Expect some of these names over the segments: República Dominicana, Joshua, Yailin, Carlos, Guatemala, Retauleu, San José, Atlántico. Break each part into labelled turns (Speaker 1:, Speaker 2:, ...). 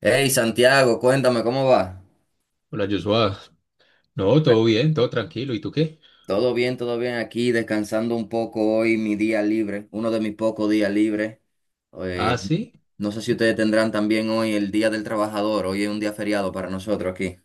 Speaker 1: Hey Santiago, cuéntame cómo va.
Speaker 2: Hola Joshua, no, todo bien, todo tranquilo, ¿y tú qué?
Speaker 1: Todo bien aquí, descansando un poco hoy, mi día libre, uno de mis pocos días libres.
Speaker 2: Ah,
Speaker 1: Eh,
Speaker 2: sí,
Speaker 1: no sé si ustedes tendrán también hoy el Día del Trabajador, hoy es un día feriado para nosotros aquí.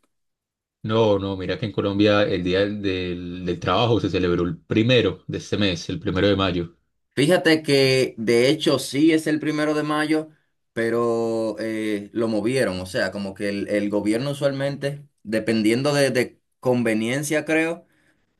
Speaker 2: no, no, mira que en Colombia el Día del Trabajo se celebró el primero de este mes, el primero de mayo.
Speaker 1: Fíjate que de hecho sí es el primero de mayo, pero lo movieron, o sea, como que el gobierno usualmente, dependiendo de conveniencia, creo.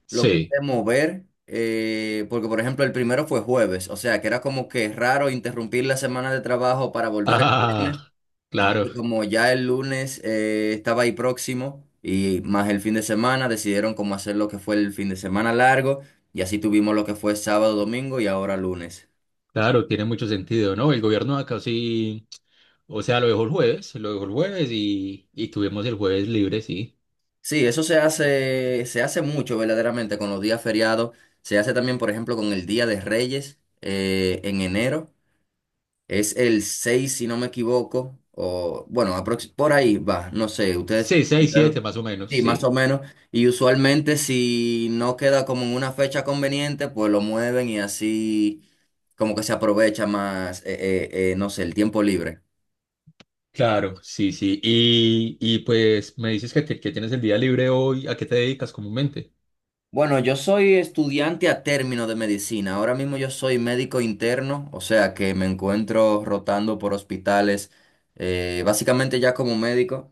Speaker 1: Lo pude
Speaker 2: Sí,
Speaker 1: mover porque, por ejemplo, el primero fue jueves, o sea, que era como que raro interrumpir la semana de trabajo para volver el
Speaker 2: ah,
Speaker 1: viernes.
Speaker 2: claro,
Speaker 1: Entonces, como ya el lunes estaba ahí próximo y más el fin de semana, decidieron cómo hacer lo que fue el fin de semana largo y así tuvimos lo que fue sábado, domingo y ahora lunes.
Speaker 2: claro, tiene mucho sentido, ¿no? El gobierno acá sí, o sea, lo dejó el jueves y tuvimos el jueves libre, sí.
Speaker 1: Sí, eso se hace mucho verdaderamente con los días feriados. Se hace también, por ejemplo, con el Día de Reyes en enero. Es el 6 si no me equivoco, o bueno, por ahí va, no sé, ustedes
Speaker 2: Sí, seis,
Speaker 1: tendrán-
Speaker 2: siete más o menos,
Speaker 1: sí, más o
Speaker 2: sí.
Speaker 1: menos, y usualmente si no queda como en una fecha conveniente, pues lo mueven y así como que se aprovecha más, no sé, el tiempo libre.
Speaker 2: Claro, sí, sí, y pues me dices que, te- que tienes el día libre hoy, ¿a qué te dedicas comúnmente?
Speaker 1: Bueno, yo soy estudiante a término de medicina, ahora mismo yo soy médico interno, o sea que me encuentro rotando por hospitales, básicamente ya como médico.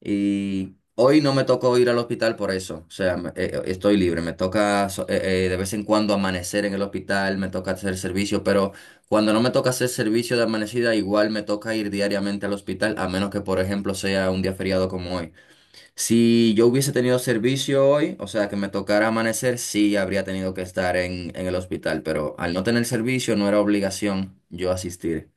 Speaker 1: Y hoy no me tocó ir al hospital por eso. O sea, estoy libre. Me toca de vez en cuando amanecer en el hospital, me toca hacer servicio, pero cuando no me toca hacer servicio de amanecida, igual me toca ir diariamente al hospital, a menos que, por ejemplo, sea un día feriado como hoy. Si yo hubiese tenido servicio hoy, o sea, que me tocara amanecer, sí habría tenido que estar en el hospital, pero al no tener servicio no era obligación yo asistir.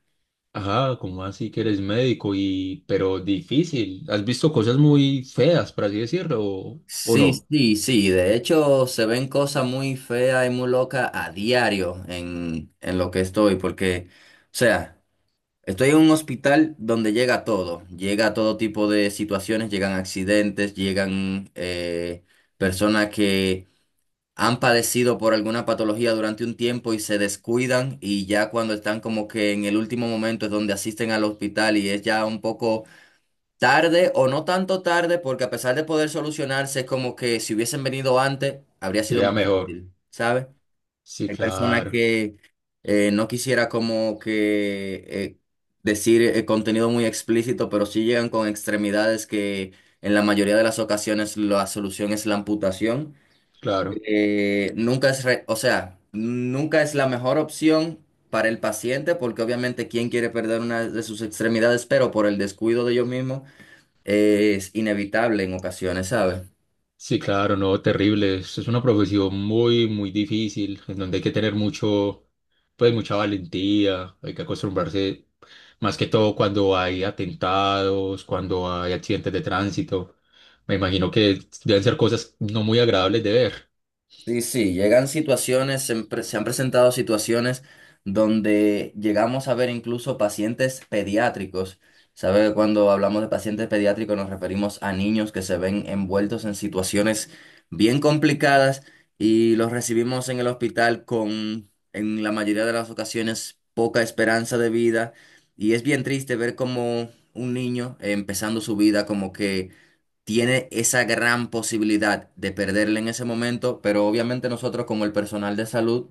Speaker 2: Ah, ¿cómo así que eres médico y pero difícil? ¿Has visto cosas muy feas, por así decirlo, o
Speaker 1: Sí,
Speaker 2: no?
Speaker 1: sí, sí. De hecho, se ven cosas muy feas y muy locas a diario en lo que estoy, porque, o sea, estoy en un hospital donde llega todo. Llega todo tipo de situaciones, llegan accidentes, llegan personas que han padecido por alguna patología durante un tiempo y se descuidan y ya cuando están como que en el último momento es donde asisten al hospital y es ya un poco tarde o no tanto tarde, porque a pesar de poder solucionarse, es como que si hubiesen venido antes, habría sido
Speaker 2: Sería
Speaker 1: más
Speaker 2: mejor.
Speaker 1: fácil, ¿sabes?
Speaker 2: Sí,
Speaker 1: Hay personas
Speaker 2: claro,
Speaker 1: que no quisiera como que decir contenido muy explícito, pero sí llegan con extremidades que en la mayoría de las ocasiones la solución es la amputación.
Speaker 2: claro.
Speaker 1: Nunca es, re- O sea, nunca es la mejor opción para el paciente, porque obviamente quién quiere perder una de sus extremidades, pero por el descuido de ellos mismos es inevitable en ocasiones, ¿sabes?
Speaker 2: Sí, claro, no, terrible. Es una profesión muy, muy difícil, en donde hay que tener mucho, pues mucha valentía, hay que acostumbrarse, más que todo cuando hay atentados, cuando hay accidentes de tránsito. Me imagino que deben ser cosas no muy agradables de ver.
Speaker 1: Sí, sí, llegan situaciones, se han presentado situaciones donde llegamos a ver incluso pacientes pediátricos. ¿Sabe? Cuando hablamos de pacientes pediátricos nos referimos a niños que se ven envueltos en situaciones bien complicadas y los recibimos en el hospital con, en la mayoría de las ocasiones, poca esperanza de vida. Y es bien triste ver como un niño empezando su vida como que tiene esa gran posibilidad de perderle en ese momento, pero obviamente nosotros como el personal de salud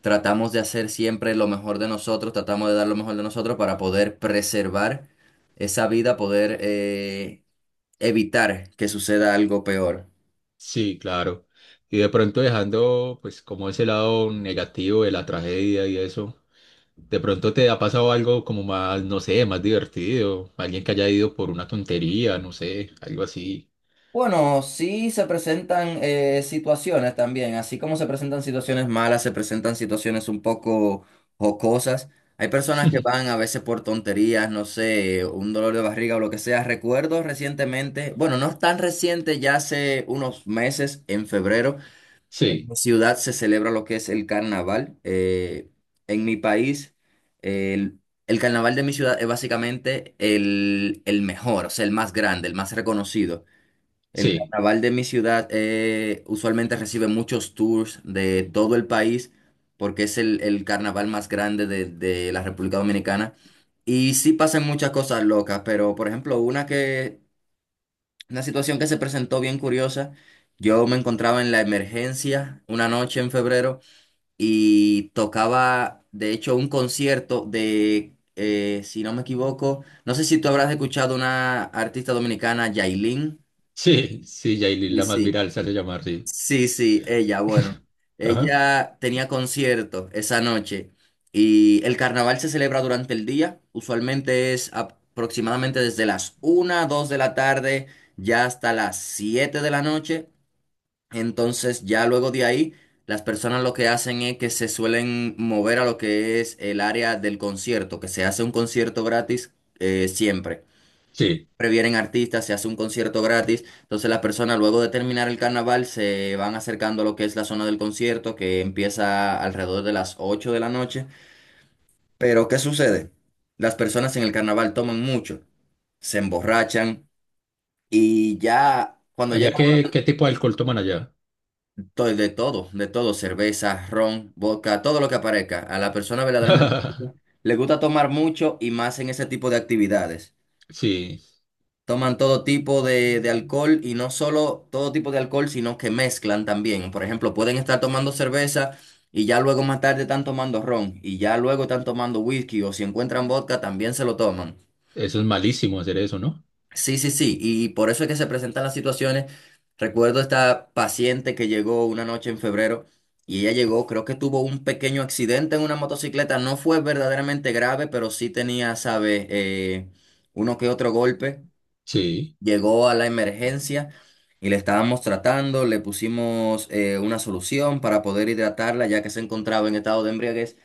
Speaker 1: tratamos de hacer siempre lo mejor de nosotros, tratamos de dar lo mejor de nosotros para poder preservar esa vida, poder evitar que suceda algo peor.
Speaker 2: Sí, claro. Y de pronto dejando, pues, como ese lado negativo de la tragedia y eso, de pronto te ha pasado algo como más, no sé, más divertido, alguien que haya ido por una tontería, no sé, algo así.
Speaker 1: Bueno, sí se presentan situaciones también, así como se presentan situaciones malas, se presentan situaciones un poco jocosas. Hay personas que van a veces por tonterías, no sé, un dolor de barriga o lo que sea. Recuerdo recientemente, bueno, no es tan reciente, ya hace unos meses, en febrero, en
Speaker 2: Sí,
Speaker 1: mi ciudad se celebra lo que es el carnaval. En mi país, el, el carnaval de mi ciudad es básicamente el mejor, o sea, el más grande, el más reconocido. El
Speaker 2: sí,
Speaker 1: carnaval de mi ciudad usualmente recibe muchos tours de todo el país porque es el carnaval más grande de la República Dominicana. Y sí pasan muchas cosas locas, pero por ejemplo, una situación que se presentó bien curiosa, yo me encontraba en la emergencia una noche en febrero y tocaba, de hecho, un concierto de, si no me equivoco, no sé si tú habrás escuchado una artista dominicana, Yailin.
Speaker 2: sí, sí, Yailin,
Speaker 1: Sí,
Speaker 2: la más
Speaker 1: sí.
Speaker 2: viral se hace llamar, sí.
Speaker 1: Sí, sí, ella, bueno,
Speaker 2: Ajá,
Speaker 1: ella tenía concierto esa noche y el carnaval se celebra durante el día, usualmente es aproximadamente desde las una, 2 de la tarde ya hasta las 7 de la noche, entonces ya luego de ahí las personas lo que hacen es que se suelen mover a lo que es el área del concierto, que se hace un concierto gratis siempre
Speaker 2: sí.
Speaker 1: previenen artistas, se hace un concierto gratis. Entonces las personas luego de terminar el carnaval se van acercando a lo que es la zona del concierto que empieza alrededor de las 8 de la noche. Pero ¿qué sucede? Las personas en el carnaval toman mucho, se emborrachan y ya cuando
Speaker 2: Allá,
Speaker 1: llega la
Speaker 2: ¿qué,
Speaker 1: hora
Speaker 2: qué tipo de alcohol toman allá?
Speaker 1: de todo, cerveza, ron, vodka, todo lo que aparezca, a la persona verdaderamente le gusta tomar mucho y más en ese tipo de actividades.
Speaker 2: Sí,
Speaker 1: Toman todo tipo de alcohol y no solo todo tipo de alcohol, sino que mezclan también. Por ejemplo, pueden estar tomando cerveza y ya luego más tarde están tomando ron y ya luego están tomando whisky o si encuentran vodka también se lo toman.
Speaker 2: eso es malísimo hacer eso, ¿no?
Speaker 1: Sí, sí, sí. Y por eso es que se presentan las situaciones. Recuerdo esta paciente que llegó una noche en febrero y ella llegó, creo que tuvo un pequeño accidente en una motocicleta. No fue verdaderamente grave, pero sí tenía, sabe, uno que otro golpe
Speaker 2: Sí.
Speaker 1: llegó a la emergencia y le estábamos tratando, le pusimos una solución para poder hidratarla ya que se encontraba en estado de embriaguez.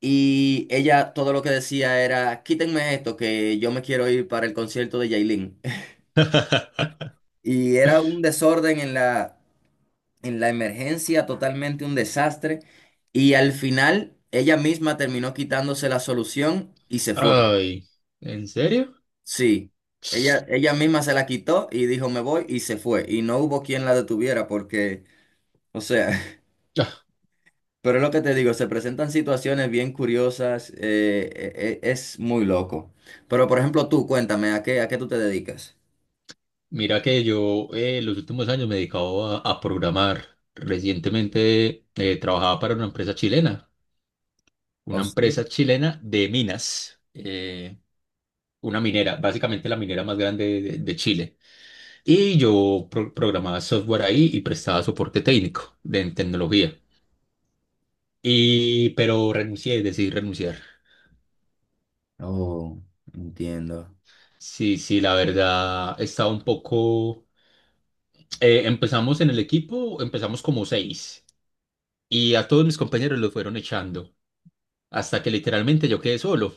Speaker 1: Y ella todo lo que decía era, quítenme esto, que yo me quiero ir para el concierto de Yailin. Y era un desorden en la, emergencia, totalmente un desastre. Y al final ella misma terminó quitándose la solución y se fue.
Speaker 2: Ay, ¿en serio?
Speaker 1: Sí, ella misma se la quitó y dijo me voy y se fue. Y no hubo quien la detuviera porque, o sea, pero es lo que te digo, se presentan situaciones bien curiosas, es muy loco. Pero por ejemplo tú, cuéntame, a qué tú te dedicas?
Speaker 2: Mira que yo los últimos años me he dedicado a programar. Recientemente trabajaba para
Speaker 1: ¿O
Speaker 2: una
Speaker 1: sí?
Speaker 2: empresa chilena de minas, una minera, básicamente la minera más grande de Chile. Y yo programaba software ahí y prestaba soporte técnico de, en tecnología. Y, pero renuncié, decidí renunciar.
Speaker 1: Oh, entiendo.
Speaker 2: Sí, sí, la verdad estaba un poco... empezamos en el equipo, empezamos como seis. Y a todos mis compañeros los fueron echando, hasta que literalmente yo quedé solo.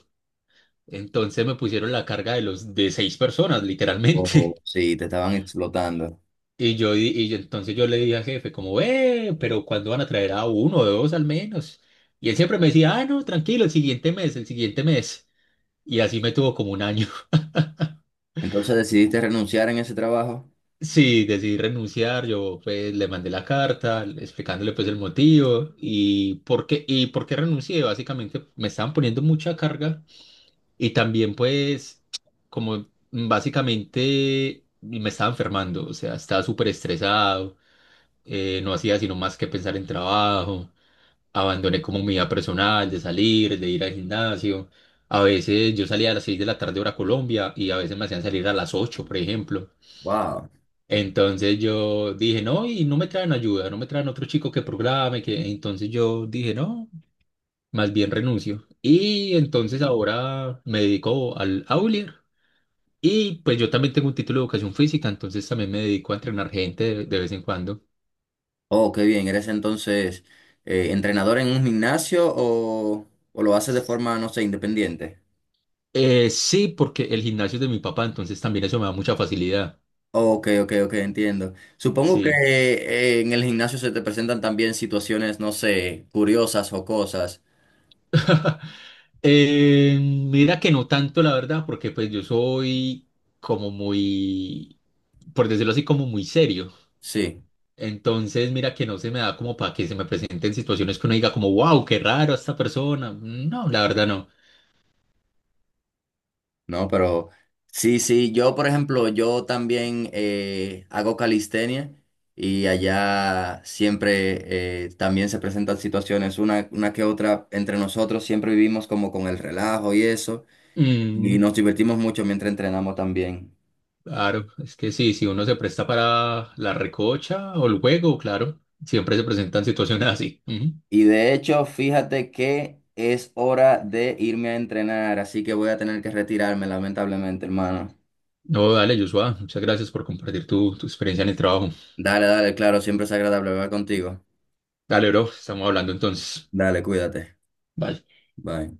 Speaker 2: Entonces me pusieron la carga de los de seis personas, literalmente.
Speaker 1: Oh, sí, te estaban explotando.
Speaker 2: Y yo di- y yo- Entonces yo le dije al jefe como, "Pero ¿cuándo van a traer a uno o dos al menos?" Y él siempre me decía, "Ah, no, tranquilo, el siguiente mes, el siguiente mes." Y así me tuvo como un año.
Speaker 1: Entonces decidiste renunciar en ese trabajo.
Speaker 2: Sí, decidí renunciar, yo pues le mandé la carta explicándole pues el motivo y por qué renuncié, básicamente me estaban poniendo mucha carga. Y también pues como básicamente me estaba enfermando, o sea, estaba súper estresado, no hacía sino más que pensar en trabajo, abandoné como mi vida personal de salir, de ir al gimnasio. A veces yo salía a las 6 de la tarde hora Colombia y a veces me hacían salir a las 8 por ejemplo.
Speaker 1: Wow.
Speaker 2: Entonces yo dije, no, y no me traen ayuda, no me traen otro chico que programe, que entonces yo dije, no, más bien renuncio. Y entonces ahora me dedico al Aulier y pues yo también tengo un título de educación física, entonces también me dedico a entrenar gente de vez en cuando.
Speaker 1: Oh, qué bien. ¿Eres entonces entrenador en un gimnasio o lo haces de forma, no sé, independiente?
Speaker 2: Sí, porque el gimnasio es de mi papá, entonces también eso me da mucha facilidad.
Speaker 1: Ok, ok, ok, entiendo. Supongo que
Speaker 2: Sí.
Speaker 1: en el gimnasio se te presentan también situaciones, no sé, curiosas o cosas.
Speaker 2: Mira que no tanto, la verdad, porque pues yo soy como muy, por decirlo así, como muy serio.
Speaker 1: Sí,
Speaker 2: Entonces, mira que no se me da como para que se me presenten situaciones que uno diga como, wow, qué raro esta persona. No, la verdad no.
Speaker 1: no, pero sí, sí, yo por ejemplo, yo también hago calistenia y allá siempre también se presentan situaciones, una que otra entre nosotros, siempre vivimos como con el relajo y eso, y
Speaker 2: Mm,
Speaker 1: nos divertimos mucho mientras entrenamos también.
Speaker 2: claro, es que sí, si uno se presta para la recocha o el juego, claro, siempre se presentan situaciones así. Ujú.
Speaker 1: Y de hecho, fíjate que es hora de irme a entrenar, así que voy a tener que retirarme, lamentablemente, hermano.
Speaker 2: No, dale, Joshua, muchas gracias por compartir tu experiencia en el trabajo.
Speaker 1: Dale, dale, claro, siempre es agradable hablar contigo.
Speaker 2: Dale, bro, estamos hablando entonces.
Speaker 1: Dale, cuídate.
Speaker 2: Bye.
Speaker 1: Bye.